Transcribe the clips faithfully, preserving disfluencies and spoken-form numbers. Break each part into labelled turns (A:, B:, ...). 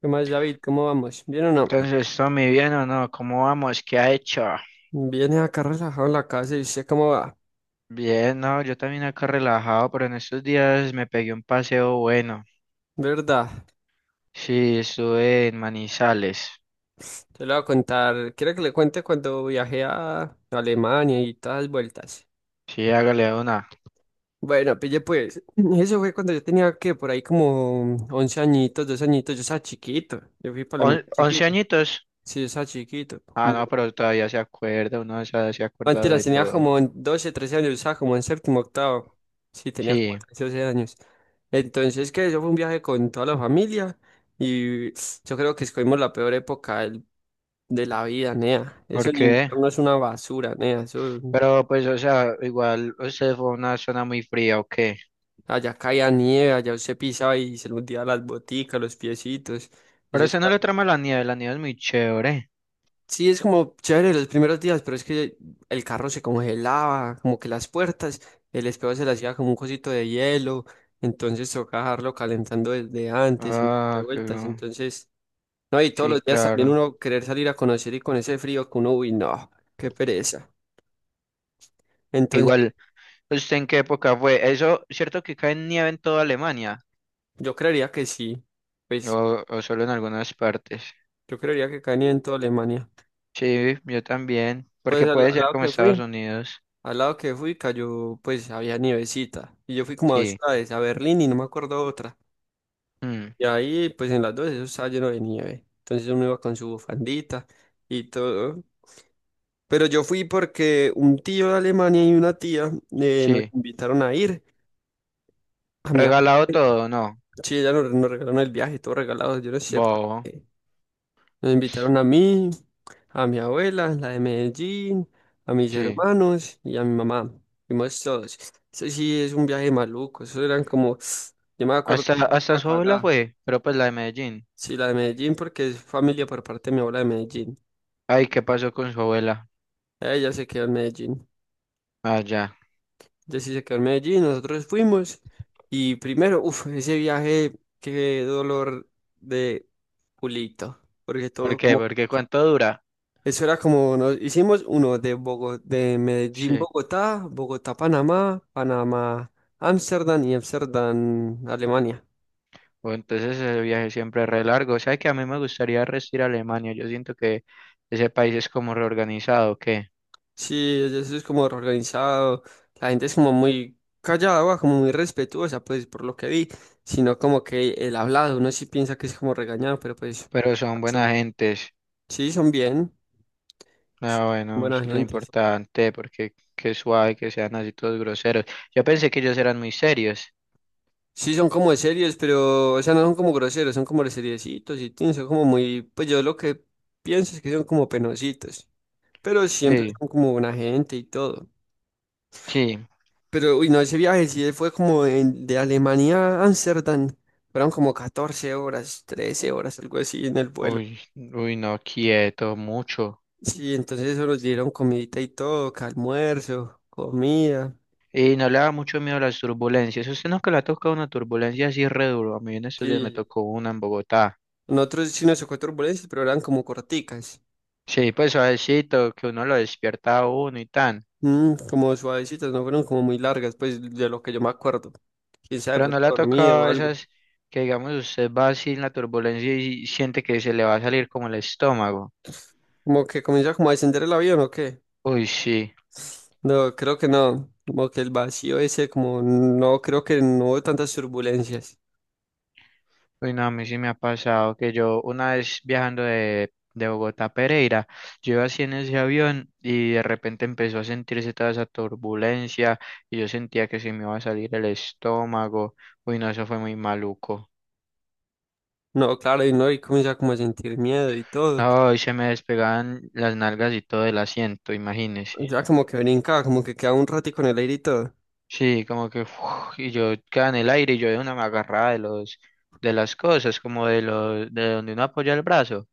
A: ¿Qué más, David? ¿Cómo vamos? ¿Bien o no?
B: Entonces, Tommy, ¿bien o no? ¿Cómo vamos? ¿Qué ha hecho?
A: Viene acá relajado en la casa y usted cómo va.
B: Bien, no, yo también acá relajado, pero en estos días me pegué un paseo bueno.
A: ¿Verdad?
B: Sí, estuve en Manizales.
A: Te lo voy a contar. Quiero que le cuente cuando viajé a Alemania y todas las vueltas.
B: Sí, hágale una.
A: Bueno, pille pues. Eso fue cuando yo tenía que por ahí como once añitos, doce añitos. Yo estaba chiquito. Yo fui para Alemania
B: On- ¿Once
A: chiquito.
B: añitos?
A: Sí, yo estaba chiquito.
B: Ah, no, pero todavía se acuerda, uno se, se ha
A: Antes
B: acordado
A: la
B: de
A: tenías
B: todo.
A: como en doce, trece años, estaba como en séptimo, octavo. Sí, tenía como
B: Sí,
A: trece, doce años. Entonces, que eso fue un viaje con toda la familia y yo creo que escogimos la peor época del- de la vida, nea. Eso
B: ¿por
A: en
B: qué?
A: invierno es una basura, nea. Eso,
B: Pero pues, o sea, igual, usted fue a una zona muy fría, ¿o qué?
A: allá caía nieve, allá usted pisaba y se le hundía las boticas, los piecitos.
B: Pero
A: Eso es
B: usted no le trama la nieve, la nieve es muy chévere.
A: Sí, es como chévere los primeros días, pero es que el carro se congelaba, como que las puertas, el espejo se le hacía como un cosito de hielo, entonces tocaba dejarlo calentando desde antes y un poco de
B: Ah, qué
A: vueltas,
B: bueno.
A: entonces, no, y todos
B: Sí,
A: los días también
B: claro.
A: uno querer salir a conocer y con ese frío que uno, uy, no, qué pereza. Entonces,
B: Igual. ¿Usted en qué época fue? Eso, ¿cierto que cae nieve en toda Alemania?
A: yo creería que sí, pues
B: O, ¿o solo en algunas partes?
A: yo creería que caía en toda Alemania.
B: Sí, yo también,
A: Pues
B: porque
A: al,
B: puede
A: al
B: ser
A: lado
B: como
A: que
B: Estados
A: fui,
B: Unidos.
A: al lado que fui cayó, pues había nievecita, y yo fui como a dos
B: Sí.
A: ciudades, a Berlín y no me acuerdo otra.
B: Mm,
A: Y ahí, pues en las dos, eso estaba lleno de nieve. Entonces uno iba con su bufandita y todo. Pero yo fui porque un tío de Alemania y una tía eh, nos
B: sí.
A: invitaron a ir. A mi abuela.
B: Regalado todo, no.
A: Sí, ya nos, nos regalaron el viaje, todo regalado, yo no sé por
B: Bobo.
A: qué. Nos invitaron a mí, a mi abuela, la de Medellín, a mis
B: Sí.
A: hermanos y a mi mamá. Fuimos todos. Eso sí es un viaje maluco. Eso eran como, yo me acuerdo,
B: Hasta, hasta
A: una
B: su abuela
A: cagada.
B: fue, pero pues la de Medellín.
A: Sí, la de Medellín porque es familia por parte de mi abuela de Medellín.
B: Ay, ¿qué pasó con su abuela?
A: Ella se quedó en Medellín.
B: Ah, ya.
A: Ella sí se quedó en Medellín, nosotros fuimos y primero, uff, ese viaje, qué dolor de culito, porque
B: ¿Por
A: todo
B: qué?
A: como,
B: Porque cuánto dura.
A: eso era como, nos hicimos uno de Bogo- de Medellín,
B: Sí.
A: Bogotá, Bogotá, Panamá, Panamá, Ámsterdam y Ámsterdam, Alemania.
B: O entonces ese viaje siempre es re largo. O sea que a mí me gustaría rest ir a Alemania. Yo siento que ese país es como reorganizado, ¿o ¿qué?
A: Sí, ella- eso es como organizado, la gente es como muy callada, va, como muy respetuosa, pues por lo que vi, sino como que el hablado, uno sí piensa que es como regañado, pero pues...
B: Pero son buena gentes.
A: Sí, son bien. Sí,
B: Ah,
A: son
B: bueno, eso
A: buena
B: es lo
A: gente. Sí,
B: importante, porque qué suave que sean así todos groseros. Yo pensé que ellos eran muy serios.
A: sí, son como de series, pero, o sea, no son como groseros, son como de seriecitos y tin, son como muy, pues yo lo que pienso es que son como penositos, pero siempre
B: Sí,
A: son como buena gente y todo.
B: sí.
A: Pero, uy, no, ese viaje sí fue como en- de Alemania a Ámsterdam, fueron como catorce horas, trece horas, algo así en el vuelo.
B: Uy, uy, no, quieto, mucho.
A: Sí, entonces eso nos dieron comidita y todo, que almuerzo, comida.
B: Y no le da mucho miedo a las turbulencias. Usted no, que le ha tocado una turbulencia así re duro. A mí en estos días me
A: Sí.
B: tocó una en Bogotá.
A: Nosotros sí nos tocó turbulencias, pero eran como corticas.
B: Sí, pues suavecito, que uno lo despierta a uno y tan.
A: Mm, como suavecitas, no fueron como muy largas, pues de lo que yo me acuerdo. Quién sabe, de
B: Pero no le
A: pronto
B: ha
A: dormido o
B: tocado
A: algo.
B: esas que, digamos, usted va así en la turbulencia y siente que se le va a salir como el estómago.
A: Como que comienza como a descender el avión o qué.
B: Uy, sí.
A: No, creo que no. Como que el vacío ese, como no, creo que no hubo tantas turbulencias.
B: Uy, no, a mí sí me ha pasado que yo una vez viajando de, de Bogotá a Pereira, yo iba así en ese avión y de repente empezó a sentirse toda esa turbulencia y yo sentía que se me iba a salir el estómago. Uy, no, eso fue muy maluco.
A: No, claro, y no, y comienza como a sentir miedo y todo.
B: No, y se me despegaban las nalgas y todo el asiento, imagínese.
A: Ya como que brinca, como que queda un ratico en el aire y todo.
B: Sí, como que uf, y yo quedaba en el aire y yo de una me agarraba de los de las cosas, como de los de donde uno apoya el brazo.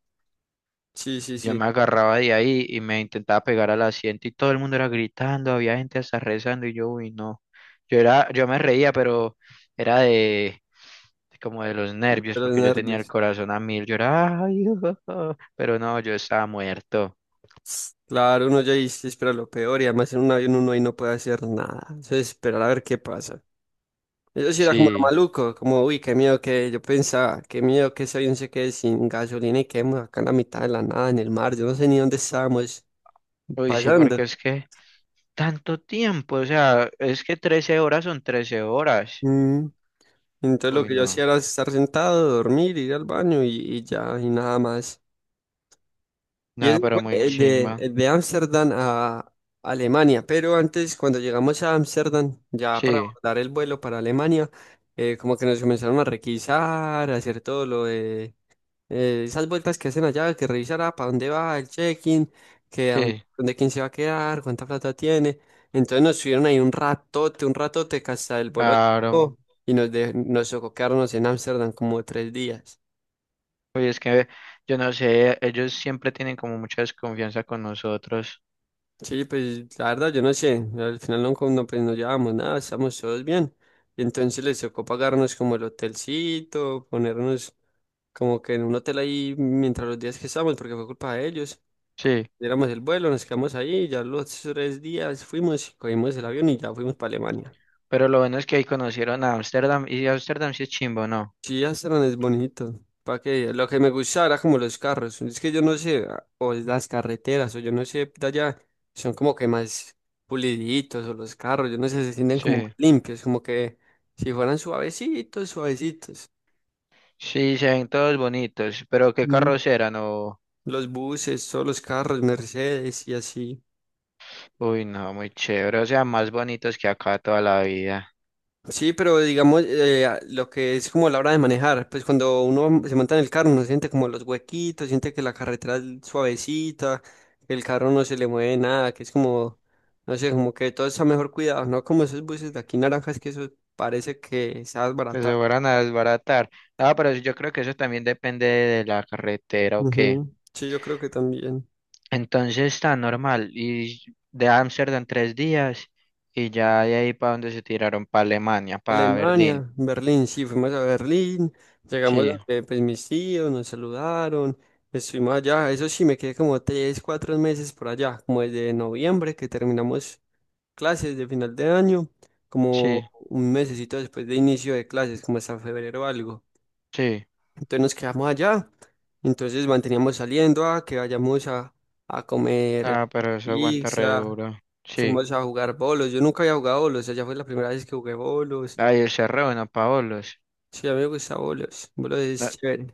A: Sí, sí,
B: Yo
A: sí,
B: me agarraba de ahí y me intentaba pegar al asiento y todo el mundo era gritando, había gente hasta rezando y yo, uy, no. Yo era, yo me reía, pero era de como de los
A: de
B: nervios
A: los
B: porque yo tenía el
A: nervios.
B: corazón a mil, yo era, "Ay, ah", pero no, yo estaba muerto.
A: Claro, uno ya ahí se espera lo peor y además en un avión uno ahí no puede hacer nada. Entonces, esperar a ver qué pasa. Eso sí era como lo
B: Sí,
A: maluco, como, uy, qué miedo que yo pensaba, qué miedo que ese avión se quede sin gasolina y quedemos acá en la mitad de la nada, en el mar, yo no sé ni dónde estábamos
B: uy, sí,
A: pasando.
B: porque es que tanto tiempo, o sea, es que trece horas son trece horas.
A: Mm, Entonces lo
B: Uy,
A: que yo
B: no,
A: hacía era estar sentado, dormir, ir al baño y, y ya, y nada más. Y
B: nada,
A: ese
B: pero
A: fue
B: muy
A: el de,
B: chimba.
A: el de Ámsterdam a Alemania, pero antes, cuando llegamos a Ámsterdam, ya para
B: Sí,
A: abordar el vuelo para Alemania, eh, como que nos comenzaron a requisar, a hacer todo lo de eh, esas vueltas que hacen allá, que revisará para dónde va el check-in, que a dónde,
B: sí,
A: dónde quién se va a quedar, cuánta plata tiene. Entonces nos subieron ahí un ratote, un ratote que hasta el vuelo
B: claro.
A: despegó, y nos, de- nos tocó quedarnos en Ámsterdam como tres días.
B: Oye, es que yo no sé, ellos siempre tienen como mucha desconfianza con nosotros.
A: Sí, pues la verdad yo no sé, al final no, con- no, pues, no llevamos nada, estamos todos bien. Y entonces les tocó pagarnos como el hotelcito, ponernos como que en un hotel ahí mientras los días que estábamos, porque fue culpa de ellos.
B: Sí,
A: Éramos el vuelo, nos quedamos ahí, ya los tres días fuimos, cogimos el avión y ya fuimos para Alemania.
B: pero lo bueno es que ahí conocieron a Ámsterdam y Ámsterdam sí es chimbo, ¿no?
A: Sí, Amsterdam es bonito. ¿Para qué? Lo que me gustaba era como los carros. Es que yo no sé, a- o las carreteras, o yo no sé, de allá son como que más puliditos, o los carros, yo no sé, se sienten como
B: Sí,
A: más limpios, como que si fueran suavecitos, suavecitos.
B: sí, se ven todos bonitos, pero qué
A: Mm.
B: carros eran, o...
A: Los buses, todos los carros, Mercedes y así.
B: Uy, no, muy chévere, o sea, más bonitos que acá toda la vida.
A: Sí, pero digamos, eh, a- lo que es como la hora de manejar, pues cuando uno se monta en el carro, uno siente como los huequitos, siente que la carretera es suavecita, que el carro no se le mueve nada, que es como, no sé, como que todo está mejor cuidado, ¿no? Como esos buses de aquí naranjas que eso parece que se ha
B: Que se
A: desbaratado.
B: fueran a desbaratar. Ah, pero yo creo que eso también depende de la carretera o qué.
A: Ujú. Sí, yo creo que también.
B: Entonces está normal. Y de Ámsterdam tres días y ya de ahí para donde se tiraron, para Alemania, para Berlín.
A: Alemania, Berlín, sí, fuimos a Berlín, llegamos
B: Sí,
A: donde pues mis tíos nos saludaron, estuvimos allá, eso sí, me quedé como tres, cuatro meses por allá, como desde noviembre que terminamos clases de final de año,
B: sí,
A: como un mesecito después de inicio de clases, como hasta febrero o algo.
B: sí.
A: Entonces nos quedamos allá, entonces manteníamos saliendo a que vayamos a, a comer
B: Ah, pero eso aguanta re
A: pizza,
B: duro. Sí.
A: fuimos a jugar bolos, yo nunca había jugado bolos, allá fue la primera vez que jugué bolos.
B: Ay, ese re bueno, Paolos.
A: Sí, amigo que está bolos. Bolos es
B: No,
A: chévere.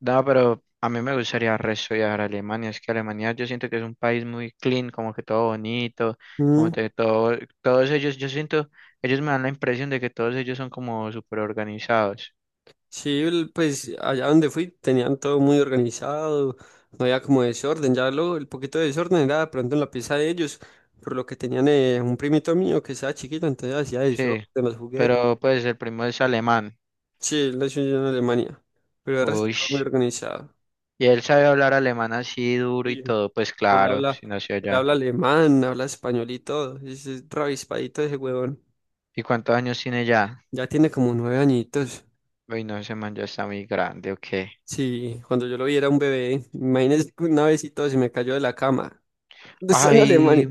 B: no, pero a mí me gustaría re estudiar Alemania. Es que Alemania yo siento que es un país muy clean, como que todo bonito, como
A: Mm,
B: que todo, todos ellos, yo siento, ellos me dan la impresión de que todos ellos son como súper organizados.
A: sí, el- pues allá donde fui tenían todo muy organizado, no había como desorden, ya lo el poquito de desorden era de pronto en la pieza de ellos, por lo que tenían eh, un primito mío que estaba chiquito, entonces hacía eso,
B: Sí.
A: de los juguetes.
B: Pero pues el primo es alemán.
A: Sí, él nació en Alemania, pero el resto
B: Uy.
A: todo muy organizado.
B: Y él sabe hablar alemán así duro y
A: Y
B: todo, pues
A: él
B: claro,
A: habla,
B: si nació
A: él
B: allá.
A: habla alemán, habla español y todo, es, es ravispadito ese huevón,
B: ¿Y cuántos años tiene ya?
A: ya tiene como nueve añitos.
B: Uy, no, ese man ya está muy grande, ok.
A: Sí, cuando yo lo vi era un bebé. Imagínese que una vez y todo se me cayó de la cama. Eso en Alemania.
B: Ay,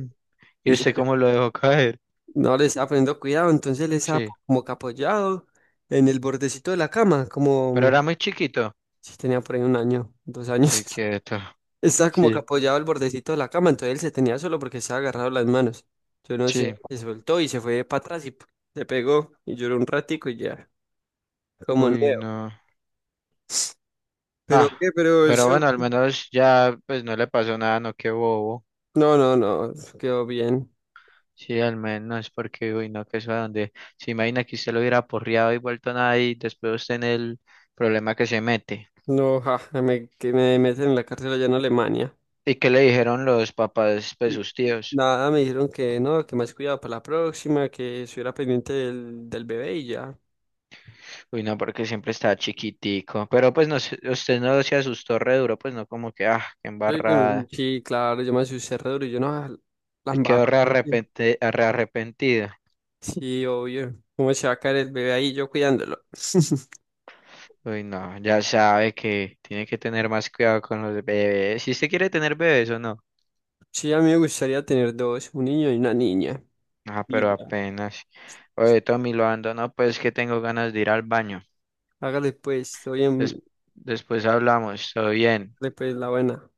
A: Y
B: ¿yo
A: se
B: sé
A: ca-
B: cómo lo dejó caer?
A: no le estaba poniendo cuidado, entonces él estaba
B: Sí,
A: po- como que apoyado en el bordecito de la cama,
B: pero
A: como
B: era muy chiquito.
A: si tenía por ahí un año, dos años.
B: Uy, quieto.
A: Estaba como que
B: Sí,
A: apoyado al bordecito de la cama, entonces él se tenía solo porque estaba agarrado las manos. Yo no sé,
B: sí.
A: se soltó y se fue para atrás y p- se pegó y lloró un ratico y ya, como
B: Uy,
A: nuevo.
B: no.
A: ¿Pero
B: Ah,
A: qué? Pero
B: pero bueno,
A: eso,
B: al menos ya pues no le pasó nada, no, qué bobo.
A: no, no, no, quedó bien.
B: Sí, al menos, porque, uy, no, que eso a donde. Se imagina que usted lo hubiera porreado y vuelto nada y después usted en el problema que se mete.
A: No, ja, me, que me meten en la cárcel allá en Alemania.
B: ¿Y qué le dijeron los papás, pues sus tíos?
A: Nada, me dijeron que no, que más cuidado para la próxima, que estuviera pendiente del, del bebé y ya.
B: Uy, no, porque siempre estaba chiquitico. Pero pues no, se- usted no se asustó re duro, pues no como que, ah, qué
A: Sí, con-
B: embarrada.
A: sí, claro, yo me asusté re duro y yo no, ah, la
B: Y quedó
A: embarra.
B: re, arrepente- re arrepentido.
A: Sí, obvio. ¿Cómo se va a caer el bebé ahí yo cuidándolo?
B: Uy, no, ya sabe que tiene que tener más cuidado con los bebés. Si usted quiere tener bebés o no.
A: Sí, a mí me gustaría tener dos, un niño y una niña.
B: Ah, pero
A: Y ya.
B: apenas. Oye, Tommy, lo ando, no, pues que tengo ganas de ir al baño.
A: Hágale pues, estoy
B: Des-
A: en,
B: Después hablamos, todo bien.
A: pues la buena.